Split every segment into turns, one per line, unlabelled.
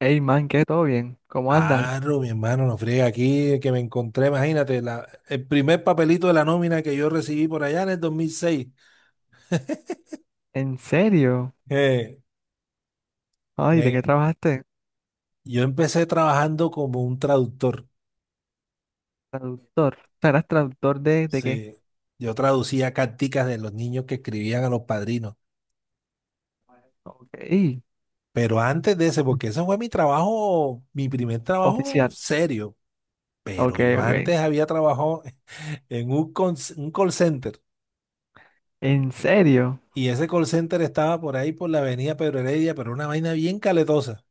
Hey man, ¿qué? ¿Todo bien? ¿Cómo andas?
Claro, mi hermano, no friega aquí, que me encontré, imagínate, el primer papelito de la nómina que yo recibí por allá en el 2006.
¿En serio?
Eh,
Ay, ¿de qué
me-
trabajaste?
yo empecé trabajando como un traductor,
Traductor. O sea, ¿eras traductor de qué?
sí. Yo traducía carticas de los niños que escribían a los padrinos,
Ok.
pero antes de ese, porque ese fue mi trabajo, mi primer trabajo
Oficial.
serio, pero
Ok,
yo
ok.
antes había trabajado en un call center,
¿En serio?
y ese call center estaba por ahí por la avenida Pedro Heredia, pero una vaina bien caletosa.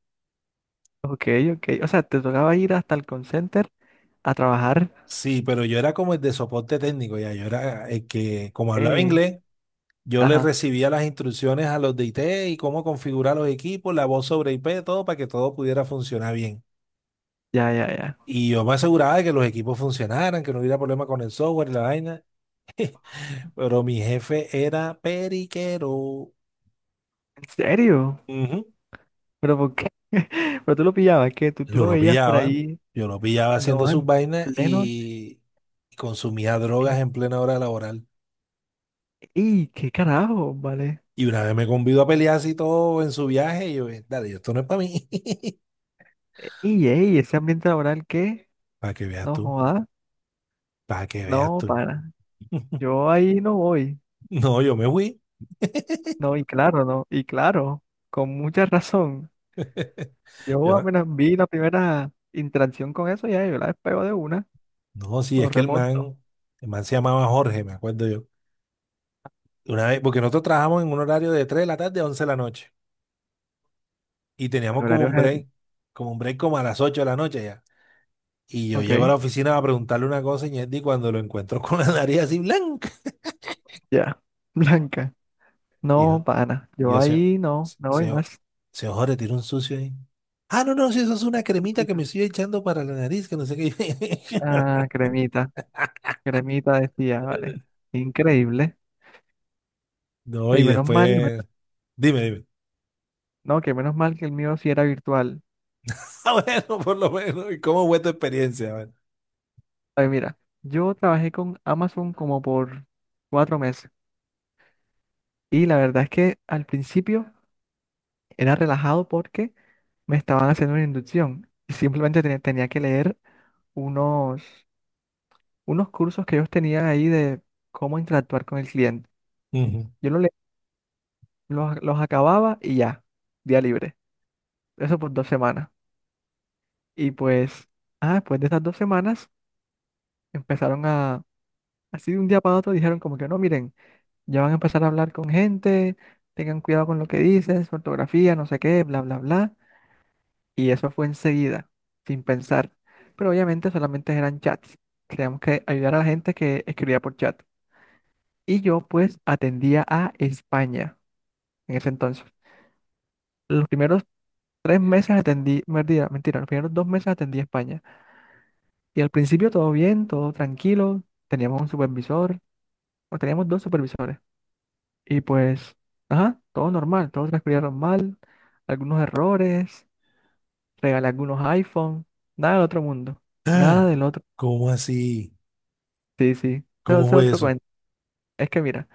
Ok, ok. O sea, te tocaba ir hasta el call center a trabajar.
Sí, pero yo era como el de soporte técnico, ya, yo era el que, como hablaba
Eh,
inglés, yo le
ajá.
recibía las instrucciones a los de IT y cómo configurar los equipos, la voz sobre IP, todo para que todo pudiera funcionar bien.
Ya, ya, ya.
Y yo me aseguraba de que los equipos funcionaran, que no hubiera problema con el software y la vaina, pero mi jefe era periquero.
¿En serio?
Ujú.
¿Pero por qué? Pero tú lo pillabas, que tú
Yo
lo
lo
veías por
pillaba,
ahí,
yo lo pillaba haciendo
no,
sus
en
vainas
pleno.
y consumía drogas
en-
en plena hora laboral.
¡Y qué carajo! Vale.
Y una vez me convidó a pelear así todo en su viaje, y yo, dale, yo, esto no es para mí.
¡Y, ey! Ese ambiente laboral que
Para que veas
no
tú,
joda,
para que veas
no
tú.
para. Yo ahí no voy.
No, yo me fui.
No, y claro, no. Y claro, con mucha razón.
Yo,
Yo
no,
apenas vi la primera interacción con eso, ya yo la despego de una,
no, sí,
lo
es que
reporto.
el man se llamaba Jorge, me acuerdo yo. Una vez, porque nosotros trabajamos en un horario de 3 de la tarde a 11 de la noche. Y
El
teníamos como
horario
un
es…
break, como un break como a las 8 de la noche ya. Y yo llego a
Ok,
la oficina a preguntarle una cosa, y Ñetti, cuando lo encuentro con la nariz así blanca.
ya. Blanca.
Y yo,
No, pana.
Y
Yo
yo, se,
ahí no voy
se,
más.
se ojore, tiró un sucio ahí. Ah, si eso es una cremita que me estoy echando para la nariz, que no sé qué.
Ah, cremita. Cremita decía, vale. Increíble.
No,
Y
y
menos mal,
después. Dime, dime.
no, que menos mal que el mío sí era virtual.
Ah, bueno, por lo menos. ¿Y cómo fue tu experiencia? A ver.
Ay, mira, yo trabajé con Amazon como por 4 meses. Y la verdad es que al principio era relajado porque me estaban haciendo una inducción y simplemente tenía que leer unos, unos cursos que ellos tenían ahí de cómo interactuar con el cliente.
Ujú.
Yo lo le- los acababa y ya, día libre. Eso por 2 semanas. Y pues, después de esas 2 semanas empezaron así de un día para otro, dijeron como que no, miren, ya van a empezar a hablar con gente, tengan cuidado con lo que dicen, su ortografía, no sé qué, bla, bla, bla. Y eso fue enseguida, sin pensar. Pero obviamente solamente eran chats. Teníamos que ayudar a la gente que escribía por chat. Y yo pues atendía a España en ese entonces. Los primeros 3 meses atendí, mentira, mentira, los primeros 2 meses atendí a España. Y al principio todo bien, todo tranquilo. Teníamos un supervisor, o teníamos dos supervisores. Y pues, ajá, todo normal, todo transcurría normal. Algunos errores, regalé algunos iPhone, nada del otro mundo, nada
Ah,
del otro.
¿cómo así?
Sí, sí. No,
¿Cómo
ese es
fue
otro
eso?
cuento. Es que mira,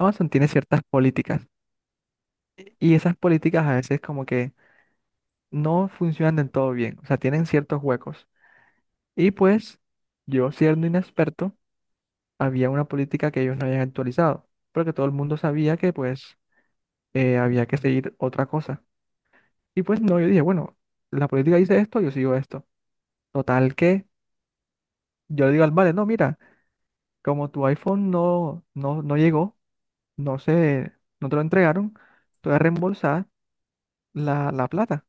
Amazon tiene ciertas políticas y esas políticas a veces como que no funcionan del todo bien, o sea, tienen ciertos huecos. Y pues yo siendo inexperto, había una política que ellos no habían actualizado, pero que todo el mundo sabía que pues había que seguir otra cosa. Y pues no, yo dije, bueno, la política dice esto, yo sigo esto. Total que yo le digo al vale, no, mira, como tu iPhone no llegó, no se, no te lo entregaron, tú eres reembolsada la plata.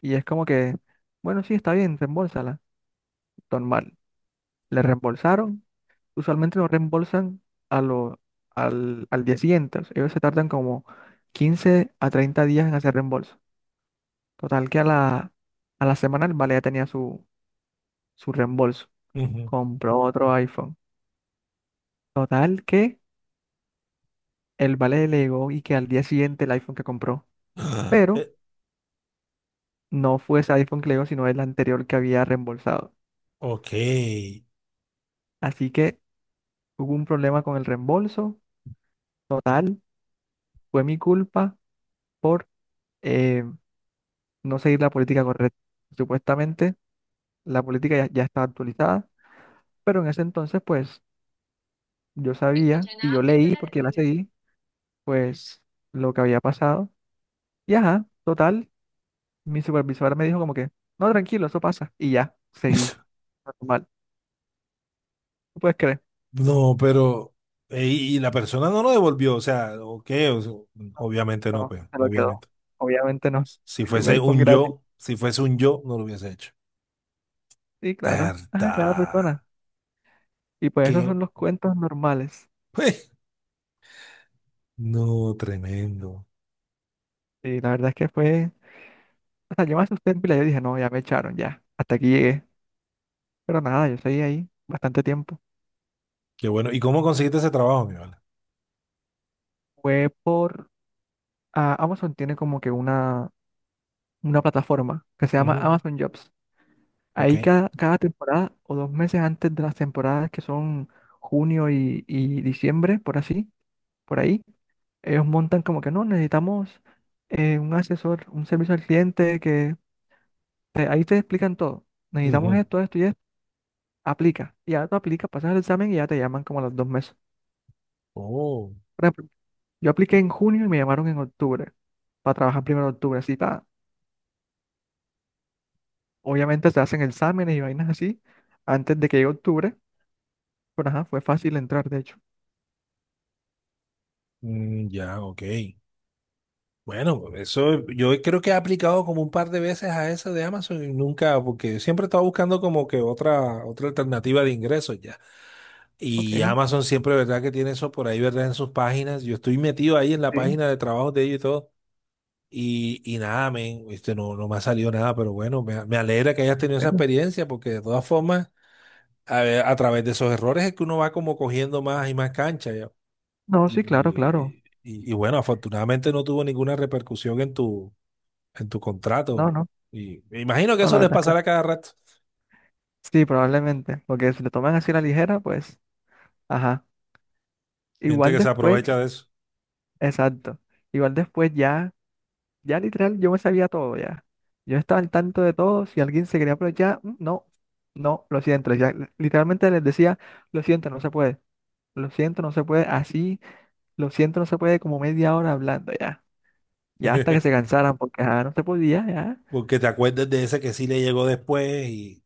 Y es como que, bueno, sí, está bien, reembolsala. Normal. Le reembolsaron. Usualmente lo reembolsan a lo, al día siguiente. O sea, ellos se tardan como 15 a 30 días en hacer reembolso. Total que a la semana el vale ya tenía su reembolso.
Ujú.
Compró otro iPhone. Total que el vale le llegó y que al día siguiente el iPhone que compró.
Ah,
Pero no fue ese iPhone que le llegó, sino el anterior que había reembolsado.
ok.
Así que hubo un problema con el reembolso total, fue mi culpa por eh, no seguir la política correcta. Supuestamente la política ya estaba actualizada, pero en ese entonces pues yo sabía y yo leí porque la seguí, pues lo que había pasado. Y ajá, total, mi supervisor me dijo como que, no, tranquilo, eso pasa. Y ya, seguí. Normal. ¿Tú puedes creer?
No, pero y la persona no lo devolvió, o sea, ok, o sea, obviamente no,
No,
pues,
se lo quedó.
obviamente.
Obviamente no.
Si
Un
fuese
iPhone
un
gratis.
yo, si fuese un yo, no lo hubiese hecho.
Sí, claro. Ajá, cada
¿Verdad?
persona. Y pues esos
Qué.
son los cuentos normales.
No, tremendo.
Y la verdad es que fue… O sea, yo me asusté en pila, yo dije, no, ya me echaron, ya, hasta aquí llegué. Pero nada, yo seguí ahí bastante tiempo.
Qué bueno. ¿Y cómo conseguiste ese trabajo, mi vale?
Fue por… ah, Amazon tiene como que una plataforma que se llama
Ujú.
Amazon Jobs.
Ok.
Ahí cada temporada o 2 meses antes de las temporadas que son junio y diciembre, por así, por ahí, ellos montan como que no, necesitamos un asesor, un servicio al cliente que ahí te explican todo. Necesitamos
Ujú.
esto, esto y esto. Aplica. Y ya tú aplicas, pasas el examen y ya te llaman como a los 2 meses.
Oh.
Yo apliqué en junio y me llamaron en octubre para trabajar primero de octubre. Así, pa, obviamente se hacen exámenes y vainas así antes de que llegue octubre, pero ajá, fue fácil entrar, de hecho.
Mm, ya, ok. Bueno, eso yo creo que he aplicado como un par de veces a eso de Amazon y nunca, porque siempre estaba buscando como que otra alternativa de ingresos ya.
Ok,
Y
sí,
Amazon siempre, ¿verdad? Que tiene eso por ahí, ¿verdad? En sus páginas. Yo estoy metido ahí en la
¿en
página de trabajo de ellos y todo. Y nada, men, este, no me ha salido nada, pero bueno, me alegra que hayas tenido esa
serio?
experiencia, porque de todas formas, a ver, a través de esos errores es que uno va como cogiendo más y más cancha, ya.
No, sí, claro, claro.
Y bueno, afortunadamente no tuvo ninguna repercusión en tu
No,
contrato.
no,
Y me imagino que
no,
eso
la
les
verdad es que
pasará cada rato.
sí, probablemente, porque si lo toman así a la ligera, pues, ajá.
Gente
Igual
que se
después,
aprovecha de eso.
exacto. Igual después ya, ya literal, yo me sabía todo ya. Yo estaba al tanto de todo. Si alguien se quería aprovechar, mm, no, no, lo siento. Ya, literalmente les decía, lo siento, no se puede. Lo siento, no se puede, así, lo siento, no se puede como media hora hablando ya. Ya hasta que se cansaran, porque ajá, no se podía, ya.
Porque te acuerdes de ese que sí le llegó después y...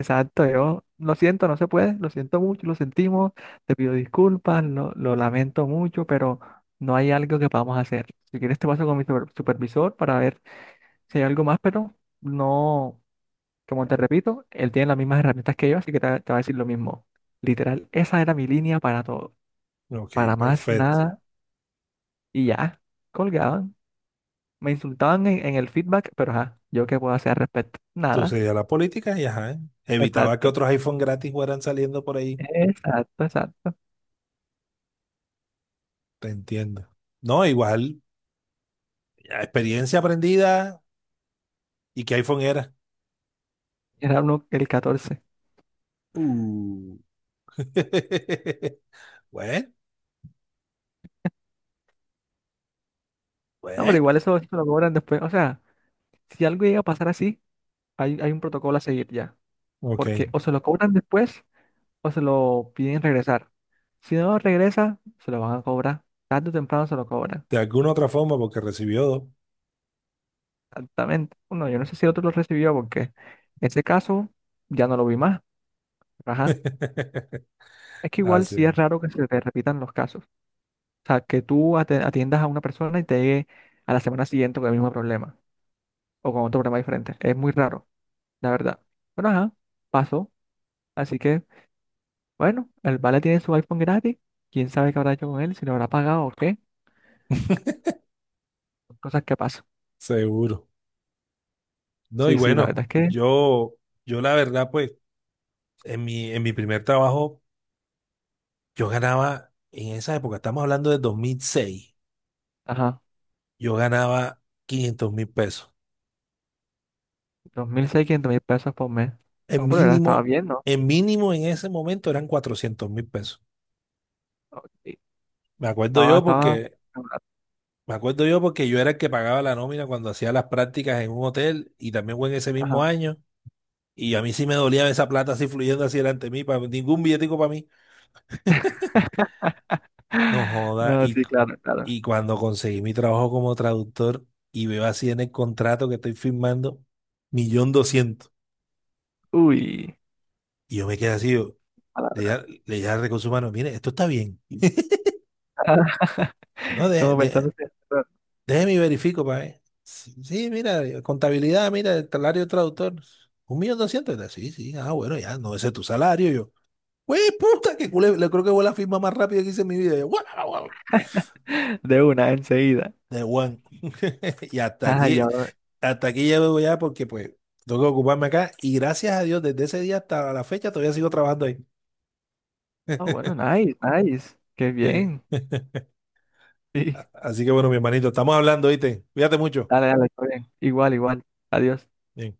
Exacto, yo, lo siento, no se puede, lo siento mucho, lo sentimos, te pido disculpas, lo lamento mucho, pero no hay algo que podamos hacer. Si quieres te paso con mi supervisor para ver si hay algo más, pero no, como te repito, él tiene las mismas herramientas que yo, así que te va a decir lo mismo. Literal, esa era mi línea para todo,
Ok,
para más
perfecto.
nada y ya, colgaban. Me insultaban en el feedback, pero ajá, ¿yo qué puedo hacer al respecto?
Tú
Nada.
seguías la política y ajá, evitaba que
Exacto.
otros iPhone gratis fueran saliendo por ahí.
Exacto, exacto.
Te entiendo. No, igual, experiencia aprendida, y qué iPhone era.
Era uno el 14.
Uh. Bueno,
No, pero
bueno.
igual eso, eso lo cobran después. O sea, si algo llega a pasar así, hay un protocolo a seguir ya.
Ok.
Porque o se lo cobran después o se lo piden regresar. Si no regresa, se lo van a cobrar. Tarde o temprano se lo cobran.
De alguna otra forma, porque recibió dos.
Exactamente. Bueno, yo no sé si el otro lo recibió porque ese caso ya no lo vi más. Pero ajá. Es que igual
Así
sí
es,
es raro que se te repitan los casos. O sea, que tú atiendas a una persona y te llegue a la semana siguiente con el mismo problema o con otro problema diferente. Es muy raro, la verdad. Bueno, ajá, pasó. Así que, bueno, el Vale tiene su iPhone gratis. ¿Quién sabe qué habrá hecho con él? Si lo habrá pagado o qué. Cosas que pasan.
seguro. No, y
Sí, sí, la verdad
bueno,
es que,
yo la verdad, pues, en mi primer trabajo, yo ganaba, en esa época, estamos hablando de 2006,
ajá,
yo ganaba 500.000 pesos.
2.600 mil seiscientos mil pesos por mes.
En
No, pero era, estaba
mínimo,
bien, ¿no?
en mínimo en ese momento eran 400.000 pesos.
Sí,
Me acuerdo
estaba,
yo
estaba.
porque, me acuerdo yo porque yo era el que pagaba la nómina cuando hacía las prácticas en un hotel, y también fue en ese mismo
Ajá.
año. Y a mí sí me dolía esa plata así fluyendo así delante de mí, para ningún billetico para mí. No joda.
No, sí, claro, claro.
Y cuando conseguí mi trabajo como traductor y veo así en el contrato que estoy firmando, 1.200.000.
Uy.
Y yo me quedé así, yo, le dije al recurso humano, mire, esto está bien. No,
Como
de-
pensando
Déjeme y verifico para ver. Sí, sí, mira, contabilidad, mira, el salario de traductor. 1.200.000. Sí, sí, ah, bueno, ya, no, ese es tu salario. Yo, güey, puta, que culé, le creo que fue la firma más rápida que hice en mi vida. Yo, "Guau, guau, guau",
de una enseguida.
de one. Y
Ay, ahora…
hasta aquí llego ya porque, pues, tengo que ocuparme acá. Y gracias a Dios, desde ese día hasta la fecha todavía sigo trabajando ahí.
Ah, bueno, nice, nice. Qué
Sí.
bien.
A-
Sí.
Así que bueno, mi hermanito, estamos hablando, ¿viste? Cuídate mucho.
Dale, dale, está bien. Igual, igual. Adiós.
Bien.